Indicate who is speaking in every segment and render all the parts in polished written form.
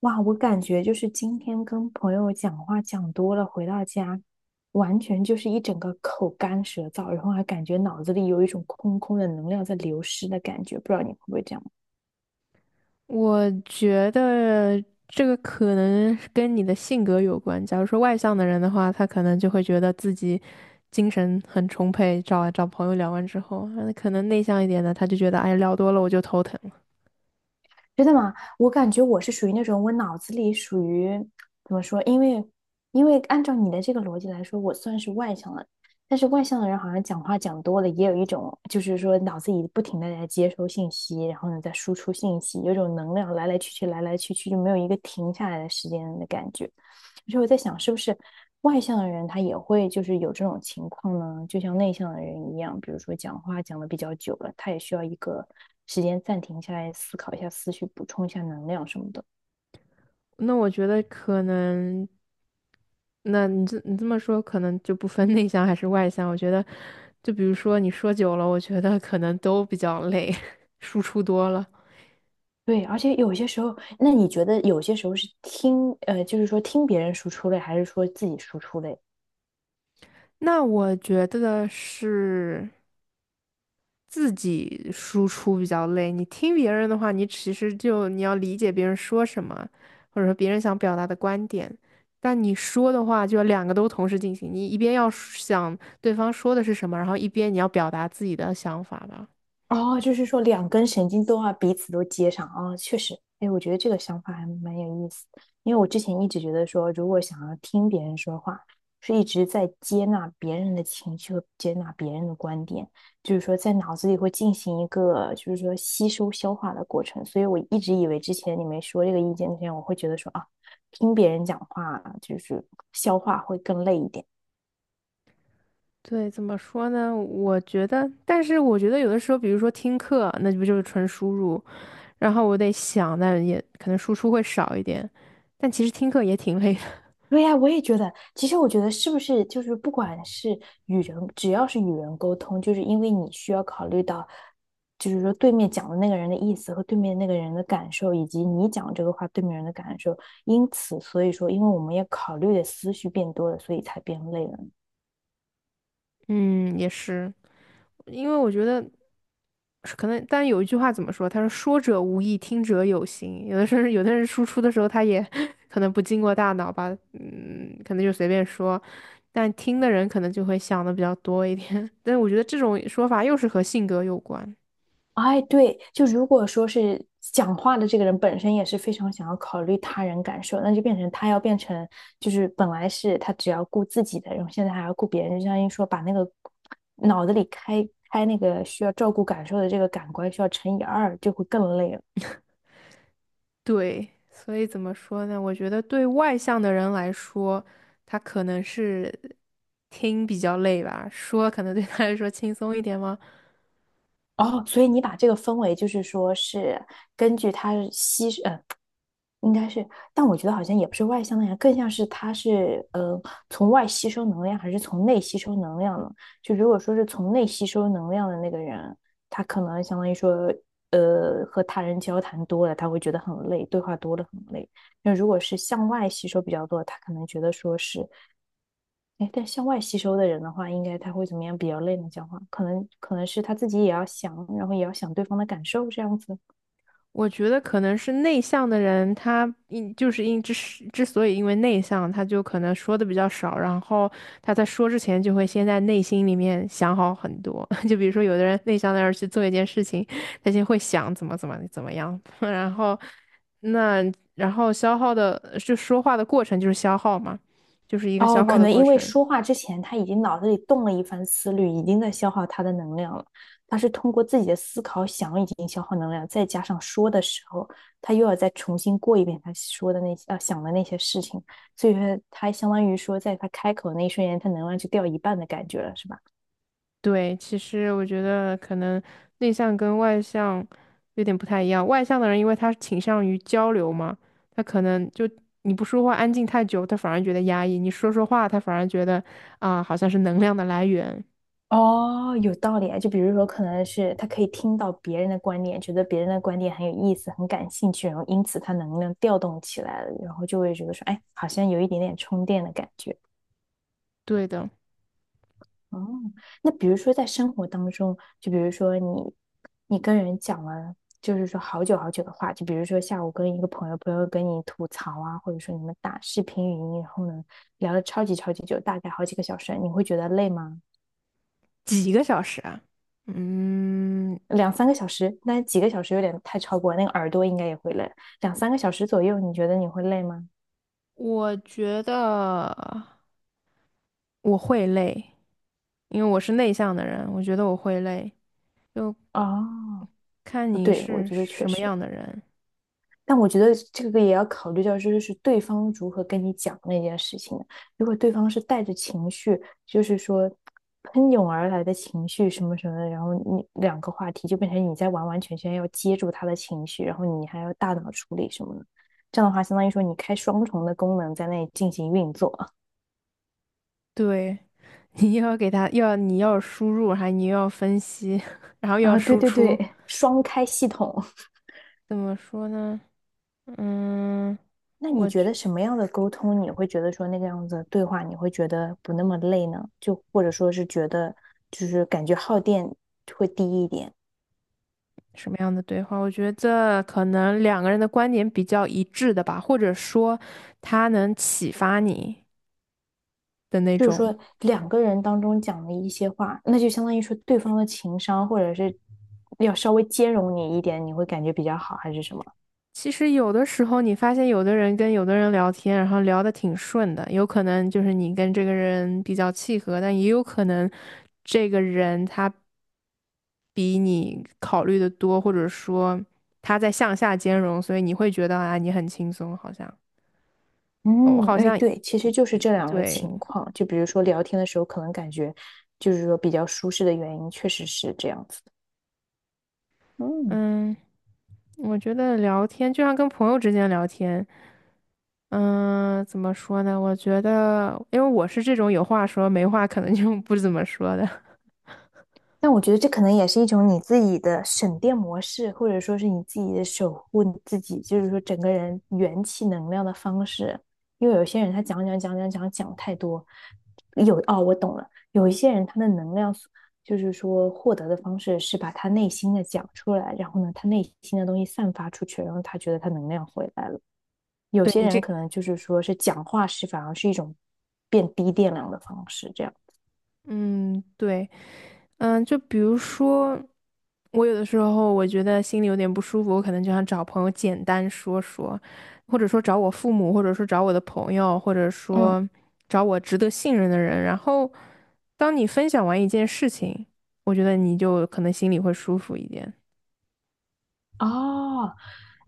Speaker 1: 哇，我感觉就是今天跟朋友讲话讲多了，回到家完全就是一整个口干舌燥，然后还感觉脑子里有一种空空的能量在流失的感觉，不知道你会不会这样？
Speaker 2: 我觉得这个可能是跟你的性格有关。假如说外向的人的话，他可能就会觉得自己精神很充沛，找啊找朋友聊完之后，那可能内向一点的，他就觉得哎聊多了我就头疼了。
Speaker 1: 真的吗？我感觉我是属于那种，我脑子里属于怎么说？因为按照你的这个逻辑来说，我算是外向的，但是外向的人好像讲话讲多了，也有一种就是说脑子里不停的在接收信息，然后呢在输出信息，有一种能量来来去去，来来去去，就没有一个停下来的时间的感觉。所以我在想，是不是外向的人他也会就是有这种情况呢？就像内向的人一样，比如说讲话讲的比较久了，他也需要一个时间暂停下来，思考一下思绪，补充一下能量什么的。
Speaker 2: 那我觉得可能，那你这么说，可能就不分 内向还是外向。我觉得，就比如说你说久了，我觉得可能都比较累，输出多了。
Speaker 1: 对，而且有些时候，那你觉得有些时候是听，就是说听别人输出类，还是说自己输出类？
Speaker 2: 那我觉得是。自己输出比较累，你听别人的话，你其实要理解别人说什么，或者说别人想表达的观点。但你说的话就要两个都同时进行，你一边要想对方说的是什么，然后一边你要表达自己的想法吧。
Speaker 1: 哦，就是说两根神经都要彼此都接上啊，哦确实，哎，我觉得这个想法还蛮有意思，因为我之前一直觉得说，如果想要听别人说话，是一直在接纳别人的情绪和接纳别人的观点，就是说在脑子里会进行一个就是说吸收消化的过程，所以我一直以为之前你没说这个意见之前，我会觉得说啊，听别人讲话就是消化会更累一点。
Speaker 2: 对，怎么说呢？我觉得，但是我觉得有的时候，比如说听课，那不就是纯输入，然后我得想，但也可能输出会少一点，但其实听课也挺累的。
Speaker 1: 对呀，我也觉得。其实我觉得，是不是就是不管是与人，只要是与人沟通，就是因为你需要考虑到，就是说对面讲的那个人的意思和对面那个人的感受，以及你讲这个话对面人的感受。因此，所以说，因为我们要考虑的思绪变多了，所以才变累了。
Speaker 2: 嗯，也是，因为我觉得。是可能，但有一句话怎么说？他说“说者无意，听者有心”。有的时候，有的人输出的时候，他也 可能不经过大脑吧，嗯，可能就随便说。但听的人可能就会想的比较多一点。但我觉得这种说法又是和性格有关。
Speaker 1: 哎，对，就如果说是讲话的这个人本身也是非常想要考虑他人感受，那就变成他要变成就是本来是他只要顾自己的，然后现在还要顾别人，就相当于说把那个脑子里开开那个需要照顾感受的这个感官需要乘以二，就会更累了。
Speaker 2: 对，所以怎么说呢？我觉得对外向的人来说，他可能是听比较累吧，说可能对他来说轻松一点吗？
Speaker 1: 哦，所以你把这个分为就是说是根据他吸，应该是，但我觉得好像也不是外向的样，更像是他是从外吸收能量，还是从内吸收能量呢？就如果说是从内吸收能量的那个人，他可能相当于说，和他人交谈多了，他会觉得很累，对话多了很累。那如果是向外吸收比较多，他可能觉得说是，哎，但向外吸收的人的话，应该他会怎么样比较累呢？讲话可能是他自己也要想，然后也要想对方的感受这样子。
Speaker 2: 我觉得可能是内向的人，他因就是因之是之所以因为内向，他就可能说的比较少，然后他在说之前就会先在内心里面想好很多。就比如说有的人内向的人去做一件事情，他先会想怎么样，然后那然后消耗的就说话的过程就是消耗嘛，就是一个
Speaker 1: 哦，
Speaker 2: 消耗
Speaker 1: 可
Speaker 2: 的
Speaker 1: 能
Speaker 2: 过
Speaker 1: 因为
Speaker 2: 程。
Speaker 1: 说话之前他已经脑子里动了一番思虑，已经在消耗他的能量了。他是通过自己的思考想已经消耗能量，再加上说的时候，他又要再重新过一遍他说的那些想的那些事情，所以说他相当于说，在他开口那一瞬间，他能量就掉一半的感觉了，是吧？
Speaker 2: 对，其实我觉得可能内向跟外向有点不太一样。外向的人，因为他倾向于交流嘛，他可能就你不说话安静太久，他反而觉得压抑；你说话，他反而觉得啊，好像是能量的来源。
Speaker 1: 哦，有道理啊。就比如说，可能是他可以听到别人的观点，觉得别人的观点很有意思、很感兴趣，然后因此他能量调动起来了，然后就会觉得说，哎，好像有一点点充电的感觉。
Speaker 2: 对的，
Speaker 1: 哦，那比如说在生活当中，就比如说你，你跟人讲了，就是说好久好久的话，就比如说下午跟一个朋友，朋友跟你吐槽啊，或者说你们打视频语音，然后呢聊了超级超级久，大概好几个小时，你会觉得累吗？
Speaker 2: 几个小时啊？嗯，
Speaker 1: 两三个小时，那几个小时有点太超过了，那个耳朵应该也会累。两三个小时左右，你觉得你会累吗？
Speaker 2: 我觉得我会累，因为我是内向的人，我觉得我会累，就
Speaker 1: 哦，
Speaker 2: 看你
Speaker 1: 对，我
Speaker 2: 是
Speaker 1: 觉得确
Speaker 2: 什么
Speaker 1: 实。
Speaker 2: 样的人。
Speaker 1: 但我觉得这个也要考虑到，就是对方如何跟你讲那件事情的。如果对方是带着情绪，就是说喷涌而来的情绪什么什么的，然后你两个话题就变成你在完完全全要接住他的情绪，然后你还要大脑处理什么的。这样的话，相当于说你开双重的功能在那里进行运作。
Speaker 2: 对，你又要给他又要你要输入，还你又要分析，然后又要
Speaker 1: 啊，对
Speaker 2: 输
Speaker 1: 对
Speaker 2: 出，
Speaker 1: 对，双开系统。
Speaker 2: 怎么说呢？嗯，
Speaker 1: 那你
Speaker 2: 我
Speaker 1: 觉
Speaker 2: 去
Speaker 1: 得什么样的沟通你会觉得说那个样子的对话你会觉得不那么累呢？就或者说是觉得就是感觉耗电会低一点，
Speaker 2: 什么样的对话？我觉得可能两个人的观点比较一致的吧，或者说他能启发你的那
Speaker 1: 就是
Speaker 2: 种。
Speaker 1: 说两个人当中讲的一些话，那就相当于说对方的情商或者是要稍微兼容你一点，你会感觉比较好还是什么？
Speaker 2: 其实有的时候，你发现有的人跟有的人聊天，然后聊得挺顺的，有可能就是你跟这个人比较契合，但也有可能这个人他比你考虑的多，或者说他在向下兼容，所以你会觉得啊，你很轻松，好像哦我
Speaker 1: 嗯，
Speaker 2: 好
Speaker 1: 哎，
Speaker 2: 像
Speaker 1: 对，其实
Speaker 2: 一
Speaker 1: 就是
Speaker 2: 一
Speaker 1: 这两个
Speaker 2: 对，
Speaker 1: 情况，就比如说聊天的时候可能感觉就是说比较舒适的原因，确实是这样子的嗯，
Speaker 2: 嗯，我觉得聊天就像跟朋友之间聊天，嗯，怎么说呢？我觉得，因为我是这种有话说没话可能就不怎么说的。
Speaker 1: 但我觉得这可能也是一种你自己的省电模式，或者说是你自己的守护你自己，就是说整个人元气能量的方式。因为有些人他讲讲讲讲讲讲太多，哦，我懂了，有一些人他的能量就是说获得的方式是把他内心的讲出来，然后呢，他内心的东西散发出去，然后他觉得他能量回来了。有
Speaker 2: 对
Speaker 1: 些
Speaker 2: 你
Speaker 1: 人
Speaker 2: 这
Speaker 1: 可能就是说是讲话是反而是一种变低电量的方式，这样，
Speaker 2: 嗯，对，嗯，就比如说，我有的时候我觉得心里有点不舒服，我可能就想找朋友简单说说，或者说找我父母，或者说找我的朋友，或者
Speaker 1: 嗯。
Speaker 2: 说找我值得信任的人。然后，当你分享完一件事情，我觉得你就可能心里会舒服一点。
Speaker 1: 哦，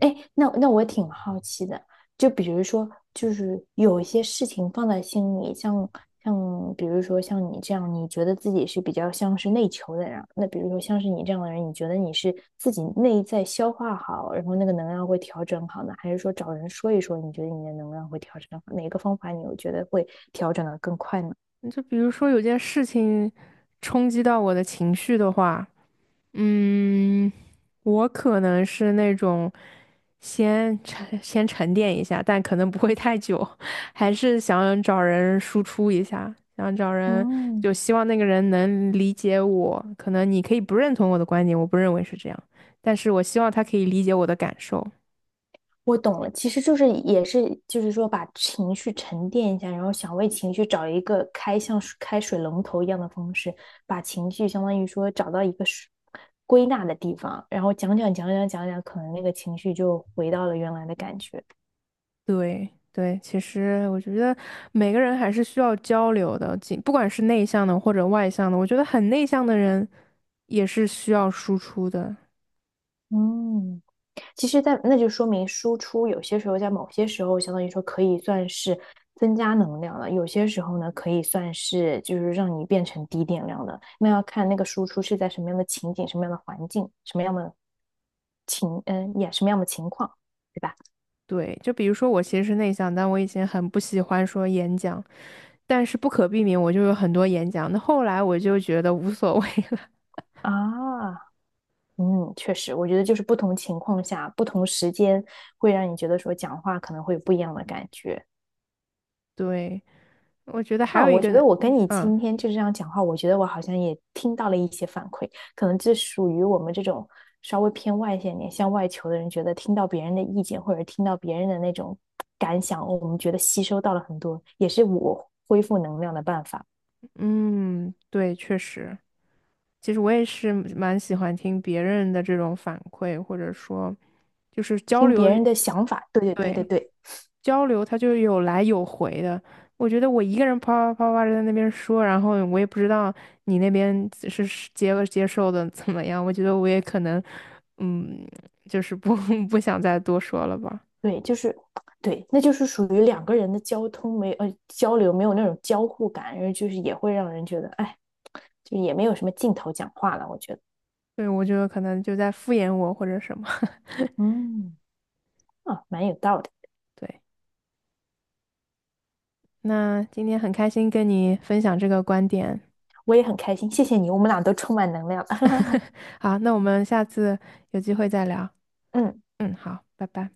Speaker 1: 哎，那我挺好奇的，就比如说，就是有一些事情放在心里，像比如说像你这样，你觉得自己是比较像是内求的人，那比如说像是你这样的人，你觉得你是自己内在消化好，然后那个能量会调整好呢，还是说找人说一说，你觉得你的能量会调整好？哪个方法你有觉得会调整的更快呢？
Speaker 2: 就比如说有件事情冲击到我的情绪的话。嗯，我可能是那种先沉 先沉淀一下，但可能不会太久，还是想找人输出一下，想找人，就
Speaker 1: 嗯。
Speaker 2: 希望那个人能理解我。可能你可以不认同我的观点，我不认为是这样，但是我希望他可以理解我的感受。
Speaker 1: 我懂了，其实就是也是就是说把情绪沉淀一下，然后想为情绪找一个开像是开水龙头一样的方式，把情绪相当于说找到一个水归纳的地方，然后讲讲讲讲讲讲，可能那个情绪就回到了原来的感觉。
Speaker 2: 对对，其实我觉得每个人还是需要交流的，仅不管是内向的或者外向的，我觉得很内向的人也是需要输出的。
Speaker 1: 嗯，其实在，那就说明输出有些时候在某些时候，相当于说可以算是增加能量了；有些时候呢，可以算是就是让你变成低电量的。那要看那个输出是在什么样的情景、什么样的环境、什么样的情，嗯，也什么样的情况，对吧？
Speaker 2: 对，就比如说我其实是内向，但我以前很不喜欢说演讲，但是不可避免我就有很多演讲。那后来我就觉得无所谓了。
Speaker 1: 啊，嗯，确实，我觉得就是不同情况下、不同时间，会让你觉得说讲话可能会有不一样的感觉。
Speaker 2: 对，我觉得还
Speaker 1: 啊，
Speaker 2: 有一
Speaker 1: 我觉
Speaker 2: 个，
Speaker 1: 得我跟你
Speaker 2: 嗯
Speaker 1: 今天就这样讲话，我觉得我好像也听到了一些反馈，可能这属于我们这种稍微偏外向一点、向外求的人，觉得听到别人的意见或者听到别人的那种感想，我们觉得吸收到了很多，也是我恢复能量的办法。
Speaker 2: 嗯，对，确实，其实我也是蛮喜欢听别人的这种反馈，或者说就是交
Speaker 1: 听别
Speaker 2: 流。
Speaker 1: 人的想法，对对对对
Speaker 2: 对，
Speaker 1: 对
Speaker 2: 交流，它就有来有回的。我觉得我一个人啪啪啪啪地在那边说，然后我也不知道你那边是接受的怎么样。我觉得我也可能，嗯，就是不 不想再多说了吧。
Speaker 1: 对，就是对，那就是属于两个人的交流没有那种交互感，然后就是也会让人觉得，哎，就也没有什么劲头讲话了，我觉得，
Speaker 2: 对，我觉得可能就在敷衍我或者什么。
Speaker 1: 嗯，啊，蛮有道理。
Speaker 2: 对，那今天很开心跟你分享这个观点。
Speaker 1: 我也很开心，谢谢你，我们俩都充满能量。
Speaker 2: 好，那我们下次有机会再聊。
Speaker 1: 嗯，
Speaker 2: 嗯，好，拜拜。